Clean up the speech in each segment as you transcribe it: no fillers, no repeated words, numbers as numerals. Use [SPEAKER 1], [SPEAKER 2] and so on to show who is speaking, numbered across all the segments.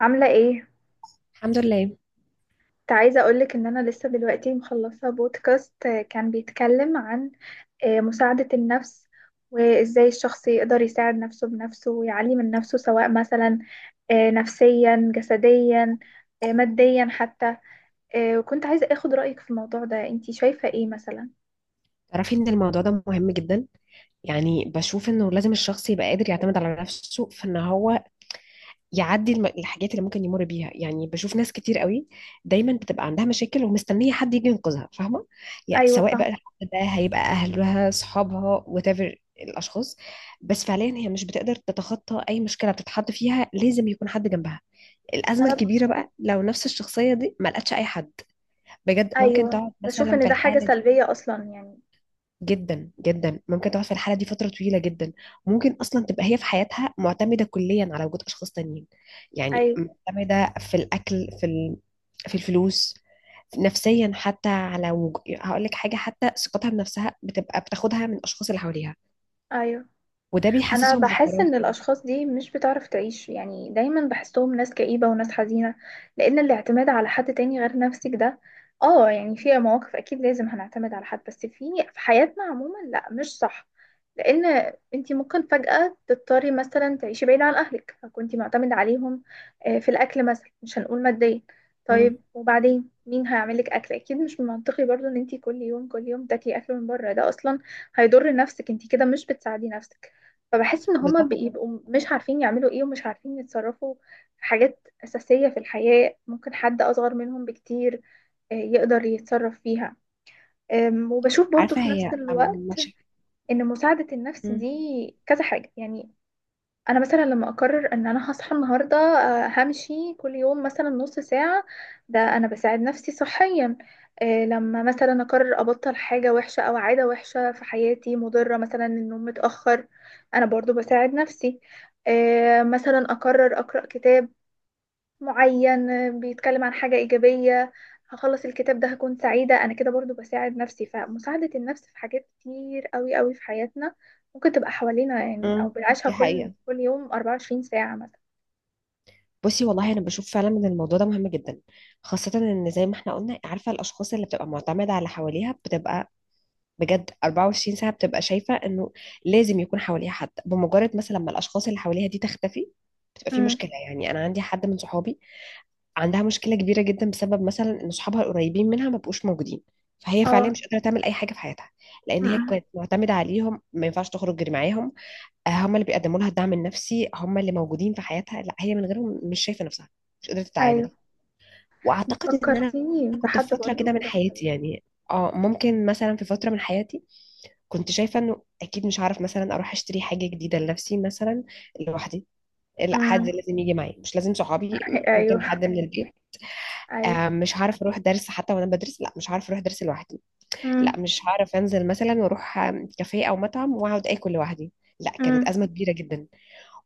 [SPEAKER 1] عاملة ايه؟
[SPEAKER 2] الحمد لله.
[SPEAKER 1] كنت عايزة اقولك ان انا لسه دلوقتي مخلصة بودكاست، كان بيتكلم عن مساعدة النفس، وازاي الشخص يقدر يساعد نفسه بنفسه ويعلي من نفسه، سواء مثلا نفسيا، جسديا، ماديا حتى. وكنت عايزة اخد رأيك في الموضوع ده. انتي شايفة ايه مثلا؟
[SPEAKER 2] تعرفي ان الموضوع ده مهم جدا، يعني بشوف انه لازم الشخص يبقى قادر يعتمد على نفسه في ان هو يعدي الحاجات اللي ممكن يمر بيها. يعني بشوف ناس كتير قوي دايما بتبقى عندها مشاكل ومستنيه حد يجي ينقذها، فاهمه؟ يعني
[SPEAKER 1] ايوه،
[SPEAKER 2] سواء
[SPEAKER 1] فاهمة.
[SPEAKER 2] بقى الحد ده هيبقى اهلها، اصحابها، whatever الاشخاص، بس فعليا هي مش بتقدر تتخطى اي مشكله بتتحط فيها، لازم يكون حد جنبها. الازمه
[SPEAKER 1] انا ب...
[SPEAKER 2] الكبيره بقى لو نفس الشخصيه دي ما لقتش اي حد، بجد ممكن
[SPEAKER 1] ايوه،
[SPEAKER 2] تقعد
[SPEAKER 1] بشوف
[SPEAKER 2] مثلا
[SPEAKER 1] ان
[SPEAKER 2] في
[SPEAKER 1] ده حاجة
[SPEAKER 2] الحاله دي.
[SPEAKER 1] سلبية اصلا يعني.
[SPEAKER 2] جدا جدا ممكن تقعد في الحالة دي فترة طويلة جدا، ممكن أصلا تبقى هي في حياتها معتمدة كليا على وجود أشخاص تانيين. يعني
[SPEAKER 1] ايوه،
[SPEAKER 2] معتمدة في الأكل، في في الفلوس، نفسيا حتى على هقول لك حاجة، حتى ثقتها بنفسها بتبقى بتاخدها من الأشخاص اللي حواليها،
[SPEAKER 1] ايوه.
[SPEAKER 2] وده
[SPEAKER 1] انا
[SPEAKER 2] بيحسسهم
[SPEAKER 1] بحس
[SPEAKER 2] بالفراغ
[SPEAKER 1] ان
[SPEAKER 2] كده.
[SPEAKER 1] الاشخاص دي مش بتعرف تعيش، يعني دايما بحسهم ناس كئيبة وناس حزينة، لان الاعتماد على حد تاني غير نفسك ده، اه يعني في مواقف اكيد لازم هنعتمد على حد، بس في حياتنا عموما لا، مش صح. لان انتي ممكن فجأة تضطري مثلا تعيشي بعيد عن اهلك، فكنتي معتمدة عليهم في الاكل مثلا، مش هنقول ماديا.
[SPEAKER 2] مم.
[SPEAKER 1] طيب وبعدين مين هيعملك اكل؟ اكيد مش من منطقي برضو ان انتي كل يوم كل يوم تاكلي اكل من بره. ده اصلا هيضر نفسك، انتي كده مش بتساعدي نفسك. فبحس ان هما
[SPEAKER 2] بالظبط.
[SPEAKER 1] بيبقوا مش عارفين يعملوا ايه، ومش عارفين يتصرفوا في حاجات اساسية في الحياة، ممكن حد اصغر منهم بكتير يقدر يتصرف فيها. وبشوف برضو
[SPEAKER 2] عارفة
[SPEAKER 1] في نفس
[SPEAKER 2] هي أم-
[SPEAKER 1] الوقت
[SPEAKER 2] مش
[SPEAKER 1] ان مساعدة النفس دي
[SPEAKER 2] مم.
[SPEAKER 1] كذا حاجة يعني. انا مثلا لما اقرر ان انا هصحى النهارده، همشي كل يوم مثلا نص ساعه، ده انا بساعد نفسي صحيا. لما مثلا اقرر ابطل حاجه وحشه او عاده وحشه في حياتي مضره، مثلا النوم متاخر، انا برضو بساعد نفسي. مثلا اقرر اقرا كتاب معين بيتكلم عن حاجة إيجابية، هخلص الكتاب ده هكون سعيدة، أنا كده برضو بساعد نفسي. فمساعدة النفس في حاجات كتير قوي قوي في حياتنا، ممكن تبقى حوالينا يعني، أو
[SPEAKER 2] مم.
[SPEAKER 1] بنعيشها
[SPEAKER 2] دي
[SPEAKER 1] كل
[SPEAKER 2] حقيقة.
[SPEAKER 1] كل يوم 24 ساعة مثلا.
[SPEAKER 2] بصي والله أنا بشوف فعلا إن الموضوع ده مهم جدا، خاصة إن زي ما احنا قلنا، عارفة الأشخاص اللي بتبقى معتمدة على حواليها بتبقى بجد 24 ساعة بتبقى شايفة انه لازم يكون حواليها حد. بمجرد مثلا ما الاشخاص اللي حواليها دي تختفي بتبقى في
[SPEAKER 1] امم.
[SPEAKER 2] مشكلة. يعني انا عندي حد من صحابي عندها مشكلة كبيرة جدا بسبب مثلا ان صحابها القريبين منها ما بقوش موجودين، فهي فعليا
[SPEAKER 1] اه.
[SPEAKER 2] مش قادرة تعمل اي حاجة في حياتها، لان هي
[SPEAKER 1] امم.
[SPEAKER 2] كانت معتمدة عليهم. ما ينفعش تخرج غير معاهم، هم اللي بيقدموا لها الدعم النفسي، هم اللي موجودين في حياتها. لا هي من غيرهم مش شايفة نفسها، مش قادرة تتعامل.
[SPEAKER 1] أيوه،
[SPEAKER 2] واعتقد ان انا
[SPEAKER 1] فكرتيني
[SPEAKER 2] كنت في
[SPEAKER 1] بحد
[SPEAKER 2] فترة
[SPEAKER 1] برضو
[SPEAKER 2] كده من
[SPEAKER 1] كده.
[SPEAKER 2] حياتي. يعني اه ممكن مثلا في فترة من حياتي كنت شايفة انه اكيد مش هعرف مثلا اروح اشتري حاجة جديدة لنفسي مثلا، لوحدي. لا، حد
[SPEAKER 1] امم.
[SPEAKER 2] لازم يجي معايا، مش لازم صحابي، ممكن
[SPEAKER 1] أيوه.
[SPEAKER 2] حد من البيت.
[SPEAKER 1] أيوه.
[SPEAKER 2] مش هعرف اروح درس حتى وانا بدرس، لا مش هعرف اروح درس لوحدي.
[SPEAKER 1] امم.
[SPEAKER 2] لا مش هعرف انزل مثلا واروح كافيه او مطعم واقعد اكل لوحدي. لا، كانت
[SPEAKER 1] امم.
[SPEAKER 2] ازمة كبيرة جدا.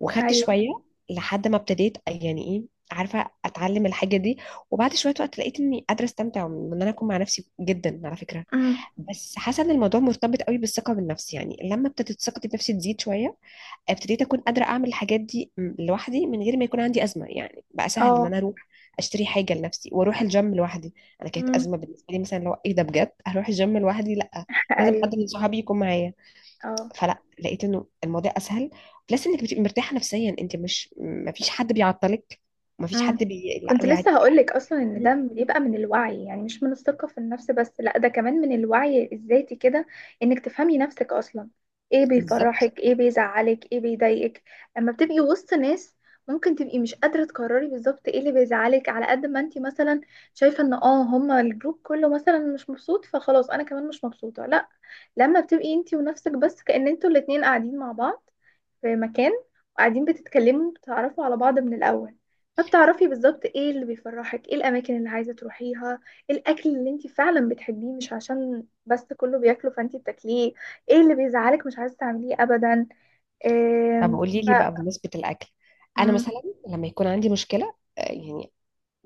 [SPEAKER 2] وخدت
[SPEAKER 1] أيوه.
[SPEAKER 2] شوية لحد ما ابتديت يعني ايه، عارفة، اتعلم الحاجة دي، وبعد شوية وقت لقيت اني قادرة استمتع وان انا اكون مع نفسي جدا على فكرة.
[SPEAKER 1] امم.
[SPEAKER 2] بس حاسه ان الموضوع مرتبط قوي بالثقه بالنفس، يعني لما ابتدت ثقتي بنفسي تزيد شويه ابتديت اكون قادره اعمل الحاجات دي لوحدي، من غير ما يكون عندي ازمه. يعني بقى سهل ان
[SPEAKER 1] اه.
[SPEAKER 2] انا اروح اشتري حاجه لنفسي واروح الجيم لوحدي. انا كانت
[SPEAKER 1] امم.
[SPEAKER 2] ازمه بالنسبه لي مثلا، لو ايه ده بجد هروح الجيم لوحدي؟ لا، لازم
[SPEAKER 1] أيوه.
[SPEAKER 2] حد من صحابي يكون معايا.
[SPEAKER 1] اه.
[SPEAKER 2] فلا، لقيت انه الموضوع اسهل، بلس انك بتبقي مرتاحه نفسيا، انت مش، ما فيش حد بيعطلك، ما فيش
[SPEAKER 1] مم.
[SPEAKER 2] حد بي... لا
[SPEAKER 1] كنت
[SPEAKER 2] يعني
[SPEAKER 1] لسه هقولك
[SPEAKER 2] بقى
[SPEAKER 1] اصلا ان ده بيبقى من الوعي، يعني مش من الثقة في النفس بس، لا، ده كمان من الوعي الذاتي كده، انك تفهمي نفسك اصلا. ايه
[SPEAKER 2] بالظبط.
[SPEAKER 1] بيفرحك، ايه بيزعلك، ايه بيضايقك. اما بتبقي وسط ناس، ممكن تبقي مش قادرة تقرري بالظبط ايه اللي بيزعلك، على قد ما انتي مثلا شايفة ان هما الجروب كله مثلا مش مبسوط، فخلاص انا كمان مش مبسوطة. لا، لما بتبقي انتي ونفسك بس، كأن انتوا الاتنين قاعدين مع بعض في مكان، وقاعدين بتتكلموا، بتعرفوا على بعض من الأول، فبتعرفي بالظبط ايه اللي بيفرحك، ايه الأماكن اللي عايزة تروحيها، ايه الأكل اللي انت فعلا بتحبيه مش عشان بس كله بياكله فانت بتاكليه، ايه اللي بيزعلك مش عايزة تعمليه أبدا.
[SPEAKER 2] طب
[SPEAKER 1] إيه.
[SPEAKER 2] قولي
[SPEAKER 1] ف...
[SPEAKER 2] لي بقى بمناسبة الأكل، أنا
[SPEAKER 1] مم.
[SPEAKER 2] مثلا لما يكون عندي مشكلة يعني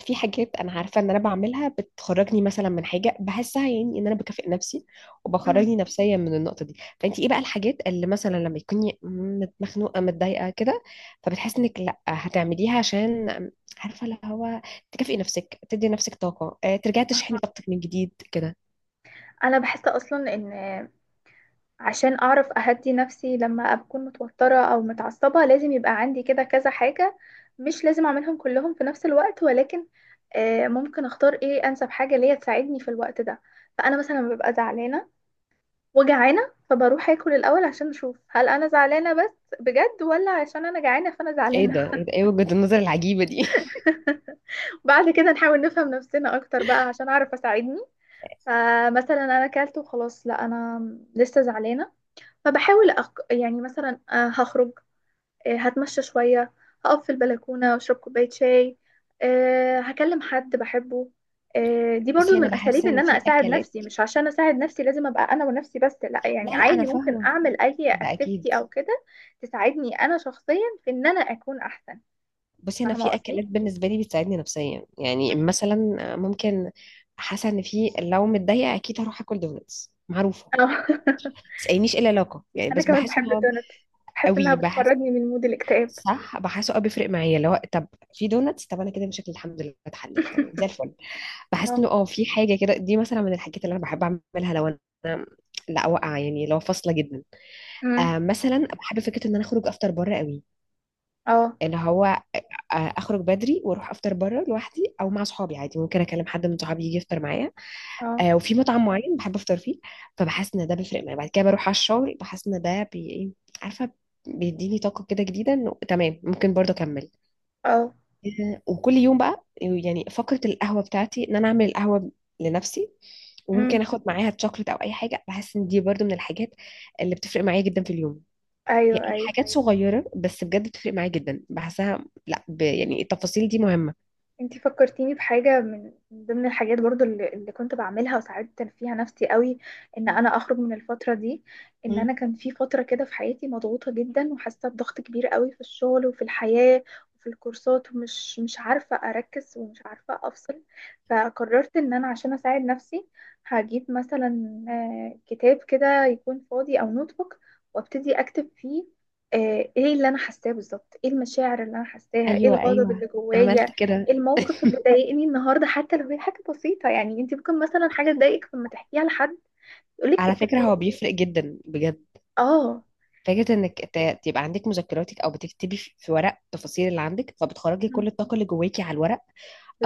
[SPEAKER 2] في حاجات أنا عارفة إن أنا بعملها بتخرجني مثلا من حاجة بحسها، يعني إن أنا بكافئ نفسي
[SPEAKER 1] مم.
[SPEAKER 2] وبخرجني نفسيا من النقطة دي. فأنت إيه بقى الحاجات اللي مثلا لما تكوني مخنوقة متضايقة كده، فبتحسي إنك لأ هتعمليها؟ عشان عارفة اللي هو تكافئي نفسك، تدي نفسك طاقة، ترجعي تشحني طاقتك من جديد كده.
[SPEAKER 1] أنا بحس أصلا إن، عشان اعرف اهدي نفسي لما اكون متوترة او متعصبة، لازم يبقى عندي كده كذا حاجة، مش لازم اعملهم كلهم في نفس الوقت، ولكن ممكن اختار ايه انسب حاجة ليا تساعدني في الوقت ده. فانا مثلا لما ببقى زعلانة وجعانة، فبروح اكل الاول عشان اشوف هل انا زعلانة بس بجد ولا عشان انا جعانة فانا
[SPEAKER 2] إيه
[SPEAKER 1] زعلانة.
[SPEAKER 2] ده، إيه ده، إيه وجهة النظر العجيبة دي؟
[SPEAKER 1] بعد كده نحاول نفهم نفسنا اكتر بقى عشان اعرف اساعدني. فمثلا انا اكلت وخلاص، لا، انا لسه زعلانه، فبحاول يعني مثلا هخرج، هتمشى شوية، هقف في البلكونة واشرب كوباية شاي، هكلم حد بحبه. دي
[SPEAKER 2] بس
[SPEAKER 1] برضو
[SPEAKER 2] أنا
[SPEAKER 1] من
[SPEAKER 2] بحس
[SPEAKER 1] أساليب إن
[SPEAKER 2] إن
[SPEAKER 1] أنا
[SPEAKER 2] في
[SPEAKER 1] أساعد
[SPEAKER 2] أكلات،
[SPEAKER 1] نفسي. مش عشان أساعد نفسي لازم أبقى أنا ونفسي بس، لا،
[SPEAKER 2] لا
[SPEAKER 1] يعني
[SPEAKER 2] لا أنا
[SPEAKER 1] عادي ممكن
[SPEAKER 2] فاهمة،
[SPEAKER 1] أعمل أي
[SPEAKER 2] ده أكيد.
[SPEAKER 1] أكتيفيتي أو كده تساعدني أنا شخصيا في إن أنا أكون أحسن.
[SPEAKER 2] بصي انا
[SPEAKER 1] فاهمة
[SPEAKER 2] في
[SPEAKER 1] قصدي؟ اه.
[SPEAKER 2] اكلات بالنسبه لي بتساعدني نفسيا، يعني مثلا ممكن، حاسه ان في، لو متضايقه اكيد هروح اكل دونتس معروفه. تسألنيش ايه العلاقه يعني،
[SPEAKER 1] أنا
[SPEAKER 2] بس
[SPEAKER 1] كمان
[SPEAKER 2] بحس ان
[SPEAKER 1] بحب
[SPEAKER 2] هو
[SPEAKER 1] الدونتس، بحس إنها
[SPEAKER 2] قوي بحس.
[SPEAKER 1] بتخرجني من مود الاكتئاب.
[SPEAKER 2] صح بحسه، اه بيفرق معايا لو طب في دونتس. طب انا كده مشاكلي الحمد لله اتحلت تمام زي الفل. بحس
[SPEAKER 1] اه.
[SPEAKER 2] انه اه في حاجه كده، دي مثلا من الحاجات اللي انا بحب اعملها لو انا لا واقعه يعني، لو فاصله جدا.
[SPEAKER 1] أمم.
[SPEAKER 2] آه مثلا بحب فكره ان انا اخرج افطر بره قوي،
[SPEAKER 1] اه.
[SPEAKER 2] اللي هو اخرج بدري واروح افطر بره لوحدي، او مع صحابي عادي، ممكن اكلم حد من صحابي يجي يفطر معايا.
[SPEAKER 1] اه.
[SPEAKER 2] وفي مطعم معين بحب افطر فيه، فبحس ان ده بيفرق معايا. بعد كده بروح على الشغل بحس ان ده إيه، عارفه، بيديني طاقه كده جديده انه تمام، ممكن برضه اكمل.
[SPEAKER 1] اه.
[SPEAKER 2] وكل يوم بقى يعني فقره القهوه بتاعتي ان انا اعمل القهوه لنفسي، وممكن
[SPEAKER 1] أمم.
[SPEAKER 2] اخد معاها تشوكلت او اي حاجه. بحس ان دي برضو من الحاجات اللي بتفرق معايا جدا في اليوم. هي
[SPEAKER 1] أيوه.
[SPEAKER 2] اي
[SPEAKER 1] أيوه.
[SPEAKER 2] حاجات صغيره بس بجد بتفرق معايا جدا، بحسها لا يعني التفاصيل دي مهمه.
[SPEAKER 1] انتي فكرتيني بحاجة من ضمن الحاجات برضو اللي كنت بعملها، وساعات فيها نفسي قوي ان انا اخرج من الفترة دي، ان انا كان في فترة كده في حياتي مضغوطة جدا، وحاسة بضغط كبير قوي في الشغل وفي الحياة وفي الكورسات، ومش مش عارفة اركز ومش عارفة افصل. فقررت ان انا عشان اساعد نفسي هجيب مثلا كتاب كده يكون فاضي او نوت بوك، وابتدي اكتب فيه ايه اللي انا حاساه بالظبط، ايه المشاعر اللي انا حاساها، ايه
[SPEAKER 2] ايوه
[SPEAKER 1] الغضب
[SPEAKER 2] ايوه،
[SPEAKER 1] اللي جوايا،
[SPEAKER 2] عملت كده.
[SPEAKER 1] الموقف اللي ضايقني النهارده، حتى لو هي حاجه بسيطه. يعني انت ممكن مثلا حاجه تضايقك لما تحكيها لحد يقولك
[SPEAKER 2] على فكرة
[SPEAKER 1] التفاهه
[SPEAKER 2] هو
[SPEAKER 1] دي.
[SPEAKER 2] بيفرق جدا بجد،
[SPEAKER 1] اه.
[SPEAKER 2] فكرة انك تبقى عندك مذكراتك او بتكتبي في ورق التفاصيل اللي عندك، فبتخرجي
[SPEAKER 1] مم.
[SPEAKER 2] كل الطاقة اللي جواكي على الورق.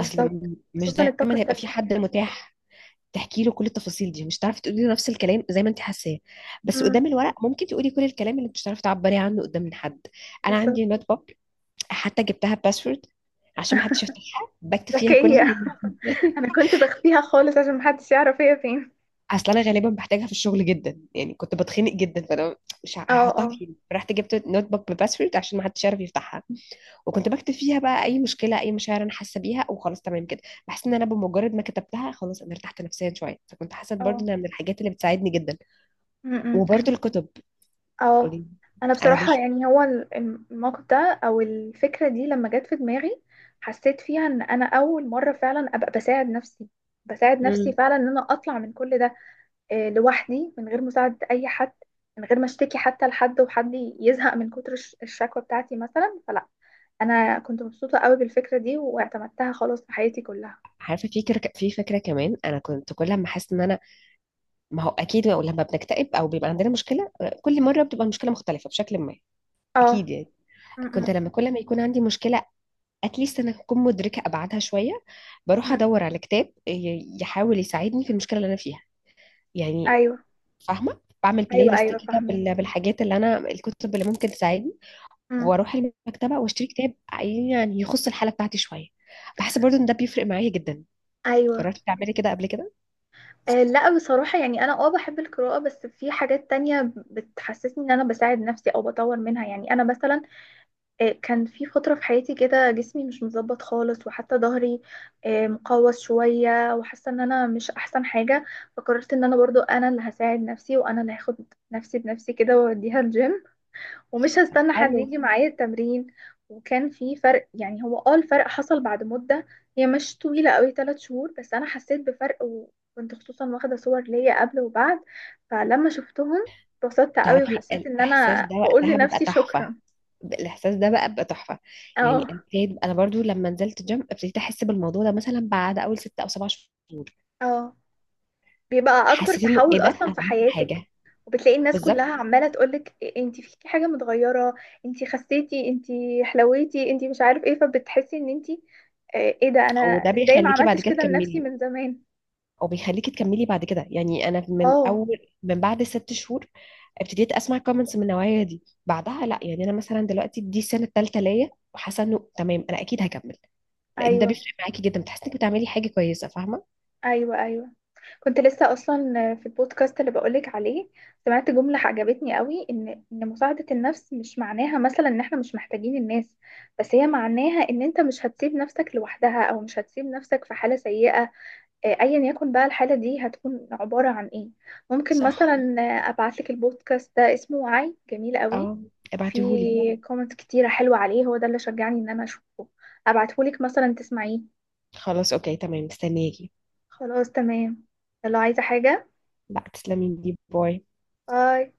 [SPEAKER 2] اصل مش
[SPEAKER 1] خصوصا الطاقه
[SPEAKER 2] دايما هيبقى
[SPEAKER 1] السلبيه.
[SPEAKER 2] في حد متاح تحكي له كل التفاصيل دي. مش هتعرفي تقولي له نفس الكلام زي ما انت حاساه، بس
[SPEAKER 1] مم.
[SPEAKER 2] قدام الورق ممكن تقولي كل الكلام اللي مش هتعرفي تعبري عنه قدام حد. انا
[SPEAKER 1] بالظبط.
[SPEAKER 2] عندي نوت بوك، حتى جبتها باسورد عشان ما حدش يفتحها، بكتب فيها كل
[SPEAKER 1] ذكيه. انا كنت بخفيها خالص عشان محدش يعرف هي فين.
[SPEAKER 2] اصل انا غالبا بحتاجها في الشغل جدا، يعني كنت بتخنق جدا فانا مش
[SPEAKER 1] اه.
[SPEAKER 2] هحطها
[SPEAKER 1] اه.
[SPEAKER 2] فين؟ رحت جبت نوت بوك بباسورد عشان ما حدش يعرف يفتحها، وكنت بكتب فيها بقى اي مشكله، اي مشاعر انا حاسه بيها، وخلاص تمام كده. بحس ان انا بمجرد ما كتبتها خلاص انا ارتحت نفسيا شويه، فكنت حاسه برضه
[SPEAKER 1] اه.
[SPEAKER 2] انها من الحاجات اللي بتساعدني جدا.
[SPEAKER 1] مم.
[SPEAKER 2] وبرضه الكتب،
[SPEAKER 1] اه.
[SPEAKER 2] قولي.
[SPEAKER 1] انا
[SPEAKER 2] انا
[SPEAKER 1] بصراحه،
[SPEAKER 2] بش
[SPEAKER 1] يعني هو الموقف ده او الفكره دي لما جت في دماغي، حسيت فيها ان انا اول مره فعلا ابقى بساعد نفسي، بساعد نفسي
[SPEAKER 2] مم.
[SPEAKER 1] فعلا ان انا اطلع من كل ده لوحدي، من غير مساعدة أي حد، من غير ما اشتكي حتى لحد، وحد يزهق من كتر الشكوى بتاعتي مثلا، فلا. أنا كنت مبسوطة قوي بالفكرة دي واعتمدتها خلاص في حياتي كلها.
[SPEAKER 2] عارفه في في فكره كمان انا كنت كل ما احس ان انا، ما هو اكيد لما بنكتئب او بيبقى عندنا مشكله كل مره بتبقى المشكله مختلفه بشكل ما،
[SPEAKER 1] اه.
[SPEAKER 2] اكيد يعني. كنت
[SPEAKER 1] م-م.
[SPEAKER 2] لما كل ما يكون عندي مشكله اتليست انا اكون مدركه ابعادها شويه، بروح
[SPEAKER 1] م.
[SPEAKER 2] ادور على كتاب يحاول يساعدني في المشكله اللي انا فيها. يعني
[SPEAKER 1] أيوه.
[SPEAKER 2] فاهمه، بعمل بلاي
[SPEAKER 1] أيوه.
[SPEAKER 2] ليست
[SPEAKER 1] أيوه،
[SPEAKER 2] كده
[SPEAKER 1] فاهمك.
[SPEAKER 2] بالحاجات اللي انا، الكتب اللي ممكن تساعدني،
[SPEAKER 1] م.
[SPEAKER 2] واروح المكتبه واشتري كتاب يعني يخص الحاله بتاعتي شويه. بحس برضو ان ده بيفرق معايا جدا.
[SPEAKER 1] أيوه.
[SPEAKER 2] جربتي تعملي كده قبل كده؟
[SPEAKER 1] لا، بصراحة يعني أنا بحب القراءة، بس في حاجات تانية بتحسسني إن أنا بساعد نفسي أو بطور منها. يعني أنا مثلا كان في فترة في حياتي كده جسمي مش متظبط خالص، وحتى ظهري مقوس شوية، وحاسة ان انا مش احسن حاجة. فقررت ان انا برضو انا اللي هساعد نفسي، وانا اللي هاخد نفسي بنفسي كده واوديها الجيم، ومش
[SPEAKER 2] طب
[SPEAKER 1] هستنى حد
[SPEAKER 2] حلو.
[SPEAKER 1] يجي معايا التمرين. وكان في فرق، يعني هو الفرق حصل بعد مدة، هي مش طويلة قوي، 3 شهور، بس انا حسيت بفرق، وكنت خصوصا واخدة صور ليا قبل وبعد، فلما شفتهم اتبسطت قوي،
[SPEAKER 2] تعرفي
[SPEAKER 1] وحسيت ان
[SPEAKER 2] الاحساس
[SPEAKER 1] انا
[SPEAKER 2] ده
[SPEAKER 1] بقول
[SPEAKER 2] وقتها بيبقى
[SPEAKER 1] لنفسي
[SPEAKER 2] تحفه،
[SPEAKER 1] شكرا.
[SPEAKER 2] الاحساس ده بقى بيبقى تحفه. يعني
[SPEAKER 1] اه.
[SPEAKER 2] ابتديت انا برضو لما نزلت جيم ابتديت احس بالموضوع ده مثلا بعد اول ست او سبع شهور،
[SPEAKER 1] اه، بيبقى اكبر
[SPEAKER 2] حسيت انه ايه
[SPEAKER 1] تحول
[SPEAKER 2] ده،
[SPEAKER 1] اصلا
[SPEAKER 2] انا
[SPEAKER 1] في
[SPEAKER 2] عملت
[SPEAKER 1] حياتك،
[SPEAKER 2] حاجه.
[SPEAKER 1] وبتلاقي الناس كلها
[SPEAKER 2] بالظبط،
[SPEAKER 1] عماله تقولك انتي فيكي حاجه متغيره، انتي خسيتي، انتي حلويتي، انتي مش عارف ايه، فبتحسي ان انتي ايه ده، انا
[SPEAKER 2] وده
[SPEAKER 1] ازاي ما
[SPEAKER 2] بيخليكي بعد
[SPEAKER 1] عملتش
[SPEAKER 2] كده
[SPEAKER 1] كده لنفسي
[SPEAKER 2] تكملي.
[SPEAKER 1] من زمان.
[SPEAKER 2] او بيخليكي تكملي بعد كده. يعني انا من
[SPEAKER 1] اه.
[SPEAKER 2] اول، من بعد ست شهور ابتديت اسمع كومنتس من النوعيه دي. بعدها لا يعني انا مثلا دلوقتي دي السنه الثالثه ليا وحاسه انه تمام انا اكيد هكمل، لان ده
[SPEAKER 1] ايوه.
[SPEAKER 2] بيفرق معاكي جدا، بتحسي انك بتعملي حاجه كويسه، فاهمه؟
[SPEAKER 1] ايوه. ايوه. كنت لسه اصلا في البودكاست اللي بقولك عليه، سمعت جمله عجبتني قوي، ان مساعده النفس مش معناها مثلا ان احنا مش محتاجين الناس، بس هي معناها ان انت مش هتسيب نفسك لوحدها، او مش هتسيب نفسك في حاله سيئه، ايا يكن بقى الحاله دي هتكون عباره عن ايه. ممكن
[SPEAKER 2] صح.
[SPEAKER 1] مثلا ابعت لك البودكاست ده، اسمه وعي، جميل قوي،
[SPEAKER 2] اه،
[SPEAKER 1] وفي
[SPEAKER 2] ابعتيهولي.
[SPEAKER 1] كومنت كتيره حلوه عليه، هو ده اللي شجعني ان انا اشوفه. ابعته لك مثلا تسمعيه.
[SPEAKER 2] خلاص اوكي تمام، مستنياكي.
[SPEAKER 1] خلاص، تمام. يلا، عايزه حاجه؟
[SPEAKER 2] لا تسلمي لي، باي.
[SPEAKER 1] باي.